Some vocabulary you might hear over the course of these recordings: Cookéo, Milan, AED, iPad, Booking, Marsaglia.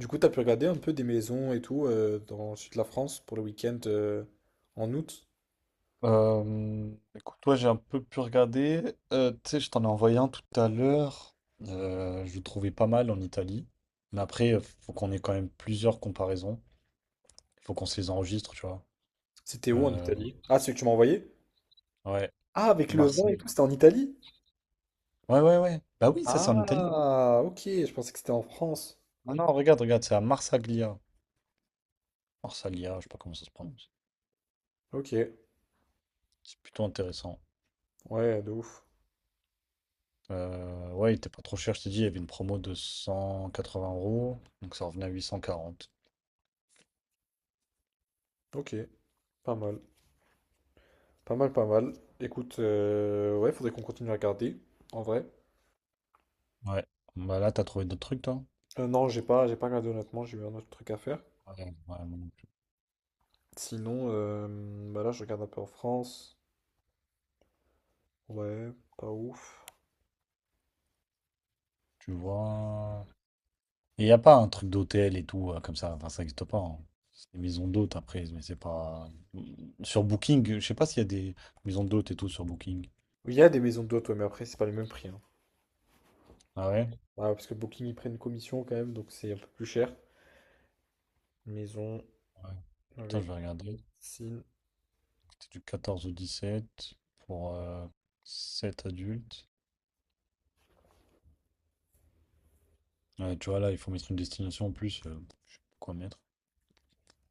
Du coup, t'as pu regarder un peu des maisons et tout dans le sud de la France pour le week-end en août? Écoute, ouais, j'ai un peu pu regarder. Tu sais, je t'en ai envoyé un tout à l'heure. Je le trouvais pas mal en Italie. Mais après, faut qu'on ait quand même plusieurs comparaisons. Il faut qu'on se les enregistre, tu vois. C'était où en Euh, Italie? Ah, celui que tu m'as envoyé? ouais, Ah, avec le vin et Marseille. tout, c'était en Italie? Ouais, ouais, ouais. Bah oui, ça c'est en Italie. Ah, ok, je pensais que c'était en France. Ah non, regarde, regarde, c'est à Marsaglia. Marsaglia, je sais pas comment ça se prononce. Ok, C'est plutôt intéressant. ouais, de ouf. Ouais, il était pas trop cher, je t'ai dit, il y avait une promo de 180 euros. Donc ça revenait à 840. Ok, pas mal. Pas mal, pas mal. Écoute, ouais, faudrait qu'on continue à regarder, en vrai. Ouais. Bah là, t'as trouvé d'autres trucs, toi? Non, j'ai pas regardé honnêtement, j'ai eu un autre truc à faire. Ouais, ouais, moi non plus. Sinon, bah là, je regarde un peu en France. Ouais, pas ouf. Tu vois. Il n'y a pas un truc d'hôtel et tout, comme ça. Enfin, ça n'existe pas, hein. C'est des maisons d'hôtes après, mais c'est pas. Mmh, Sur Booking, je sais pas s'il y a des maisons d'hôtes et tout sur Booking. Il y a des maisons d'hôtes, ouais, mais après, c'est pas les mêmes prix, hein. Ah ouais? Ah, parce que Booking, ils prennent une commission quand même, donc c'est un peu plus cher. Maison Ouais. Putain, je avec vais regarder. piscine. C'est du 14 au 17 pour 7 adultes. Ouais, tu vois, là, il faut mettre une destination en plus. Je sais pas quoi mettre.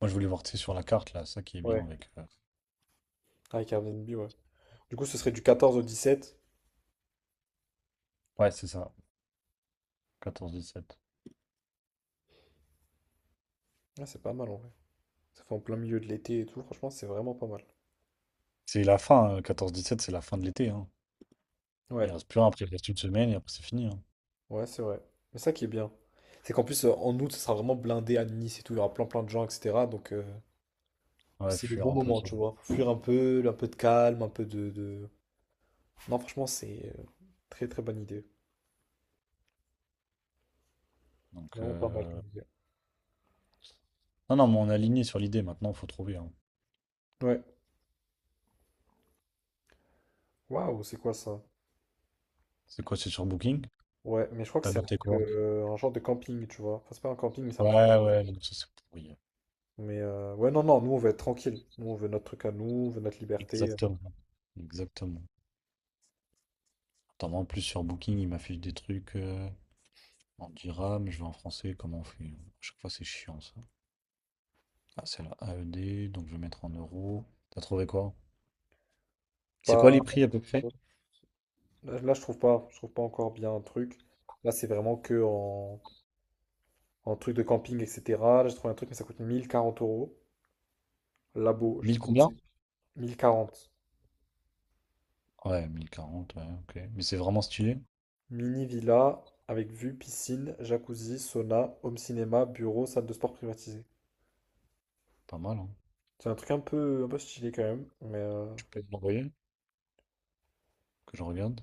Moi, je voulais voir, tu sais, sur la carte, là, ça qui est bien Ouais, avec. Avec Airbnb, ouais. Du coup, ce serait du quatorze au dix sept. Ouais, c'est ça. 14 17. Ah, c'est pas mal en vrai. Ça fait en plein milieu de l'été et tout. Franchement, c'est vraiment pas mal. C'est la fin, hein, 14 17, c'est la fin de l'été, hein. Il Ouais, reste plus rien, après il reste une semaine et après c'est fini, hein. ouais, c'est vrai. Mais ça qui est bien, c'est qu'en plus, en août, ça sera vraiment blindé à Nice et tout. Il y aura plein plein de gens, etc. Donc, Ouais, c'est le fuir bon un peu moment, ça. tu vois. Faut fuir un peu de calme, un peu de. Non, franchement, c'est très très bonne idée. Donc, Vraiment pas mal comme idée. non, non, mais on est aligné sur l'idée maintenant, faut trouver, hein. Ouais. Waouh, c'est quoi ça? C'est quoi, c'est sur Booking? Ouais, mais je crois que T'as c'est un noté truc, quoi? Un genre de camping, tu vois. Enfin, c'est pas un camping, mais c'est un truc. Ouais, ouais, donc ça c'est pourri. Mais ouais, non, nous on veut être tranquille. Nous on veut notre truc à nous, on veut notre liberté. Exactement, exactement. Attends, moi, en plus sur Booking, il m'affiche des trucs en dirham, je vais en français, comment on fait? À chaque fois c'est chiant ça. Ah, c'est la AED, donc je vais mettre en euros. T'as trouvé quoi? C'est quoi les Pas... prix à peu près? Là, là, je trouve pas encore bien un truc. Là, c'est vraiment que en truc de camping, etc. Là, j'ai trouvé un truc, mais ça coûte 1040 euros. Labo, je sais 1000 pas où c'est. combien? 1040. Ouais, 1040, ouais, ok. Mais c'est vraiment stylé, Mini villa avec vue, piscine, jacuzzi, sauna, home cinéma, bureau, salle de sport privatisée. pas mal, hein. C'est un truc un peu stylé quand même, Tu peux me l'envoyer que je regarde?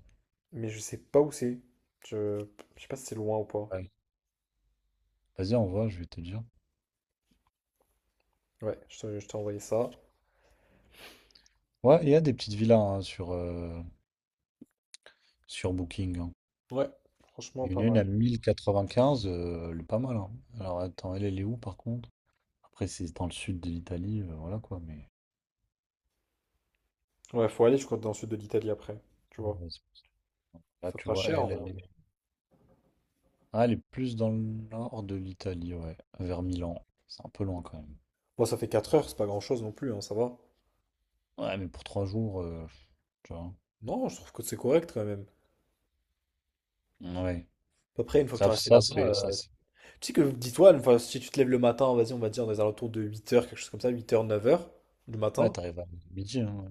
mais je sais pas où c'est. Je, je sais pas si c'est loin ou pas. Ouais. Vas-y, envoie, je vais te dire. Ouais, je t'ai envoyé ça. Ouais, il y a des petites villas hein, sur Booking, hein. Ouais, franchement, Il y en pas a une mal. à 1095, elle est pas mal, hein. Alors attends, elle est où par contre? Après, c'est dans le sud de l'Italie, voilà quoi, mais. Ouais, faut aller, je crois, dans le sud de l'Italie après. Tu vois. euh, c'est- Là, Ça tu fera vois, cher en elle, vrai. elle est. Ah, elle est plus dans le nord de l'Italie, ouais, vers Milan. C'est un peu loin quand même. Bon, ça fait 4 heures, c'est pas grand-chose non plus, hein, ça va. Ouais, mais pour 3 jours, tu vois. Non, je trouve que c'est correct quand même. Ouais. Après, une fois que tu Ça, es resté ça, là-bas, c'est. Ça, c'est- tu sais que dis-toi, enfin, si tu te lèves le matin, vas-y, on va dire, dans les alentours de 8 heures, quelque chose comme ça, 8 heures, 9 heures du Ouais, matin. t'arrives à midi, hein.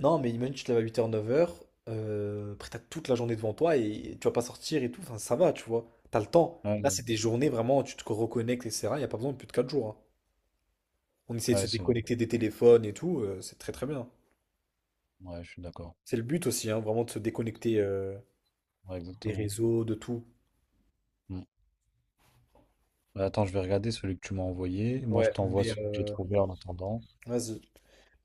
Non, mais imagine, tu te lèves à 8h, 9h, après t'as toute la journée devant toi et tu vas pas sortir et tout, enfin ça va, tu vois, t'as le temps. Ouais, Là, ouais, c'est des journées vraiment, tu te reconnectes, etc. Il n'y a pas besoin de plus de 4 jours, hein. On essaie de ouais, se c'est vrai. déconnecter des téléphones et tout, c'est très très bien. Ouais, je suis d'accord. C'est le but aussi, hein, vraiment de se déconnecter Ouais, des exactement. réseaux, de tout. Bah, attends, je vais regarder celui que tu m'as envoyé. Moi, je Ouais, t'envoie celui que j'ai trouvé en attendant. vas-y.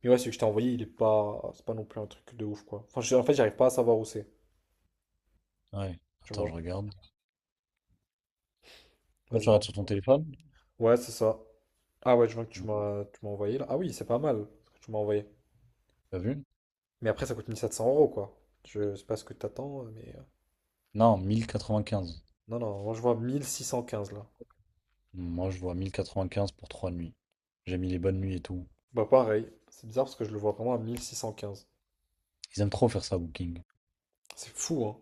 Mais ouais, celui que je t'ai envoyé, il est pas, c'est pas non plus un truc de ouf, quoi. Enfin, en fait, j'arrive pas à savoir où c'est, Ouais, tu attends, je vois. regarde. Toi, Vas-y. tu regardes sur ton téléphone? Ouais, c'est ça. Ah ouais, je vois que tu Non. m'as tu m'as envoyé là. Ah oui, c'est pas mal ce que tu m'as envoyé. T'as vu? Mais après, ça coûte 1700 euros, quoi. Je sais pas ce que t'attends, mais... Non, 1 095. Non, non, moi je vois 1615, là. Moi, je vois 1 095 pour 3 nuits. J'ai mis les bonnes nuits et tout. Bah pareil, c'est bizarre parce que je le vois vraiment à 1615. Ils aiment trop faire ça, Booking. C'est fou, hein,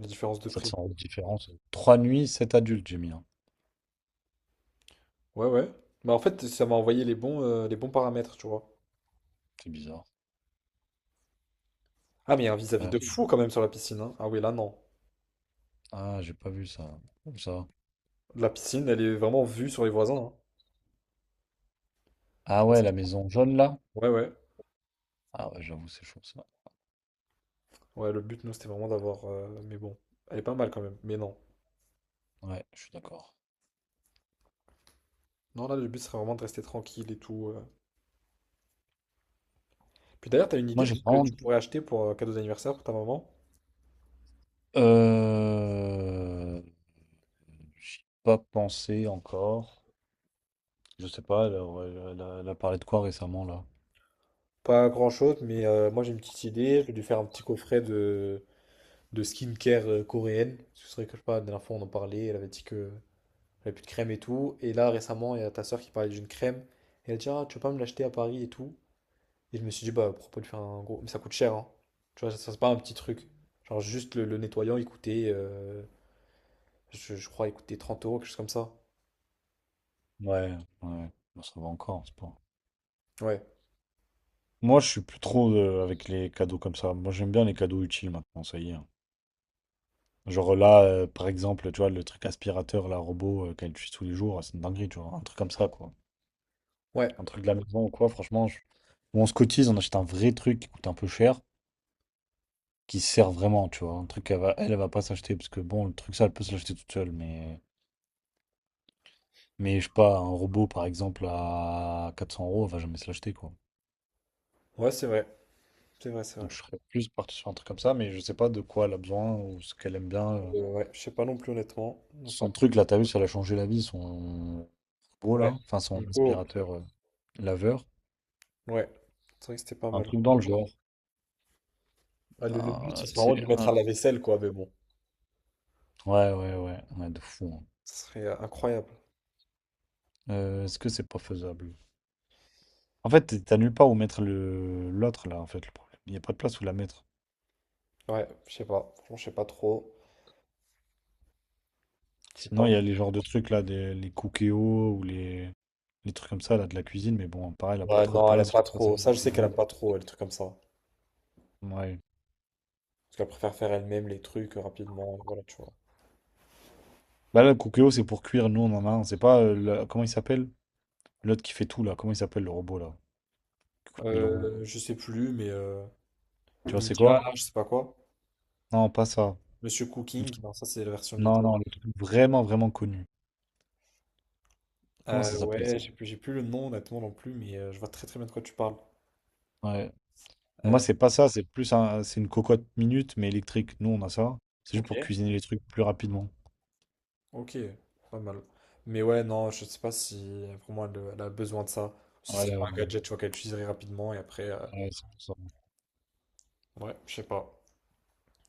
la différence de Sept prix. cents euros de différence. 3 nuits, sept adultes, j'ai mis, hein. Ouais, ouais. Bah en fait, ça m'a envoyé les bons paramètres, tu vois. C'est bizarre. Ah, mais il y a un vis-à-vis Ouais. de fou quand même sur la piscine, hein. Ah oui, là, non. Ah, j'ai pas vu ça. Comme ça. La piscine, elle est vraiment vue sur les voisins, hein. Je sais Ah pas ouais, si la tu maison jaune, là? vois. Ouais, ouais. Ah ouais, j'avoue, c'est chaud, ça. Ouais, le but, nous, c'était vraiment d'avoir... Mais bon, elle est pas mal quand même, mais non. Ouais, je suis d'accord. Non, là, le but serait vraiment de rester tranquille et tout. Puis d'ailleurs, t'as une Moi, idée de j'ai ce que vraiment... tu pourrais acheter pour cadeau d'anniversaire pour ta maman? Euh... J'y ai pas pensé encore. Je sais pas, elle a parlé de quoi récemment là? Pas grand-chose, moi j'ai une petite idée. Je vais lui faire un petit coffret de skincare coréenne. Ce serait que je sais pas, la dernière fois on en parlait, elle avait dit que elle avait plus de crème et tout. Et là récemment, il y a ta soeur qui parlait d'une crème. Et elle dit, ah, tu veux pas me l'acheter à Paris et tout. Et je me suis dit, bah pourquoi pas lui faire un gros. Mais ça coûte cher, hein. Tu vois, ça, c'est pas un petit truc. Genre juste le nettoyant, il coûtait, euh, je crois, il coûtait 30 euros, quelque chose comme ça. Ouais, ouais. Bon, ça va encore, c'est pas. Ouais, Moi, je suis plus trop avec les cadeaux comme ça. Moi, j'aime bien les cadeaux utiles maintenant, ça y est, hein. Genre là, par exemple, tu vois, le truc aspirateur, là, robot qu'elle utilise tous les jours, ah, c'est une dinguerie, tu vois. Un truc comme ça, quoi. ouais, Un truc de la maison ou quoi, franchement, ou on se cotise, on achète un vrai truc qui coûte un peu cher, qui sert vraiment, tu vois. Un truc qu'elle va, elle, elle va pas s'acheter, parce que bon, le truc ça, elle peut se l'acheter toute seule, mais. Mais je sais pas, un robot par exemple à 400 euros, elle va jamais se l'acheter quoi. ouais, c'est vrai. C'est vrai, c'est Donc vrai. je serais plus parti sur un truc comme ça, mais je sais pas de quoi elle a besoin ou ce qu'elle aime bien. Ouais, je sais pas non plus honnêtement. On n'a pas Son truc parlé. là, t'as vu, ça l'a changé la vie, son robot là, Ouais, enfin petit son Nico. aspirateur laveur. Ouais, c'est vrai que c'était pas Un mal. truc dans le genre. Bah, le but, Un- ce serait tu vraiment de sais, lui mettre un- à la vaisselle, quoi, mais bon. Ouais, ouais, ouais, ouais, de fou, hein. Ce serait incroyable. Est-ce que c'est pas faisable? En fait, t'as nulle part où mettre le l'autre là, en fait, le problème. Il n'y a pas de place où la mettre. Ouais, je sais pas. Franchement, je sais pas trop. Je sais Sinon, pas. il y a les genres de trucs là, des... les Cookéo ou les. Les trucs comme ça, là, de la cuisine, mais bon, pareil, elle a pas Ouais, trop de non, elle aime place. Je pas sais pas si. trop. Ça, je sais qu'elle aime pas trop, elle, les trucs comme ça. Ouais. Parce qu'elle préfère faire elle-même les trucs rapidement, et voilà, tu vois. Bah là, le Cookeo, c'est pour cuire, nous, on en a un. C'est pas, comment il s'appelle? L'autre qui fait tout, là. Comment il s'appelle, le robot, là? Qui coûte mille euros. Je sais plus, Tu vois, c'est Ninja, quoi? là, je sais pas quoi. Non, pas ça. Monsieur Cooking, non, ça, c'est la version lead. Non, non, le truc vraiment, vraiment connu. Comment ça s'appelle, Ouais, ça? j'ai plus le nom, honnêtement, non plus, je vois très très bien de quoi tu parles. Ouais. Moi, Euh, c'est pas ça, c'est plus un, c'est une cocotte minute, mais électrique. Nous, on a ça. C'est juste pour ok. cuisiner les trucs plus rapidement. Ok, pas mal. Mais ouais, non, je sais pas si pour moi elle a besoin de ça. Ce serait Ouais, ouais, ouais. pas un gadget, tu vois, qu'elle utiliserait rapidement et après, Ouais, c'est pour ça. ouais, je sais pas.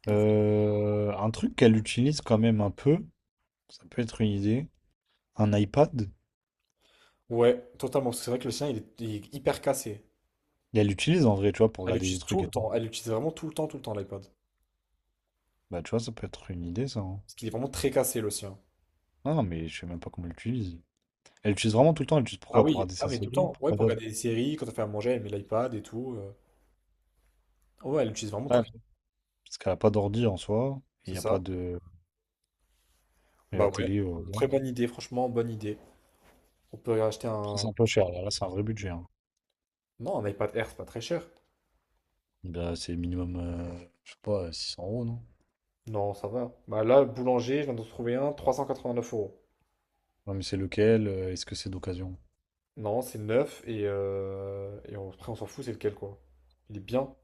Donc, Un truc qu'elle utilise quand même un peu, ça peut être une idée. Un iPad. ouais, totalement. Parce que c'est vrai que le sien, il est hyper cassé. Et elle l'utilise en vrai, tu vois, pour Elle regarder des l'utilise tout trucs le et tout. temps. Elle l'utilise vraiment tout le temps, l'iPad. Bah, tu vois, ça peut être une idée, ça, hein. Parce qu'il est vraiment très cassé, le sien. Ah non, mais je sais même pas comment elle l'utilise. Elle l'utilise vraiment tout le temps. Elle l'utilise Ah pourquoi? Pour oui, regarder ah sa mais tout le série, temps. pour Ouais, quoi pour d'autre. regarder des séries, quand elle fait à manger, elle met l'iPad et tout. Ouais, elle l'utilise vraiment tout Ouais. le temps. Parce qu'elle a pas d'ordi en soi. Il C'est y a pas ça? de. Et Bah la ouais. télé, ouais. Très bonne idée, franchement, bonne idée. On peut acheter Après, c'est un. un peu cher. Là, là, c'est un vrai budget, hein. Non, un iPad Air, c'est pas très cher. Bah, c'est minimum, je sais pas, 600 euros, non? Non, ça va. Bah là, boulanger, je viens d'en trouver un, 389 euros. Ouais, mais c'est lequel? Est-ce que c'est d'occasion? Non, c'est neuf et après on s'en fout, c'est lequel quoi. Il est bien.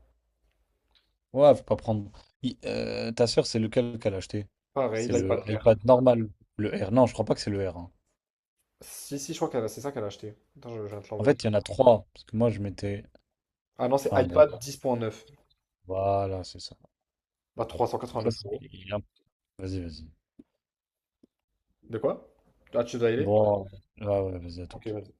Ouais, faut pas prendre. Ta sœur, c'est lequel qu'elle a acheté? Pareil, C'est ça l'iPad le va. Air. iPad normal. Le R. Non, je crois pas que c'est le R, hein. Si, si, je crois que c'est ça qu'elle a acheté. Attends, je viens de te En l'envoyer. fait, il y en a trois. Parce que moi, je m'étais. Ah non, c'est Enfin, bon. iPad 10.9. Voilà, c'est ça. Bah 389 Donc là, c'est- euros. il y a- Vas-y, vas-y. De quoi? Ah, tu dois y aller? Bon, ouais, ouais, vas-y, à tout. Ok, vas-y.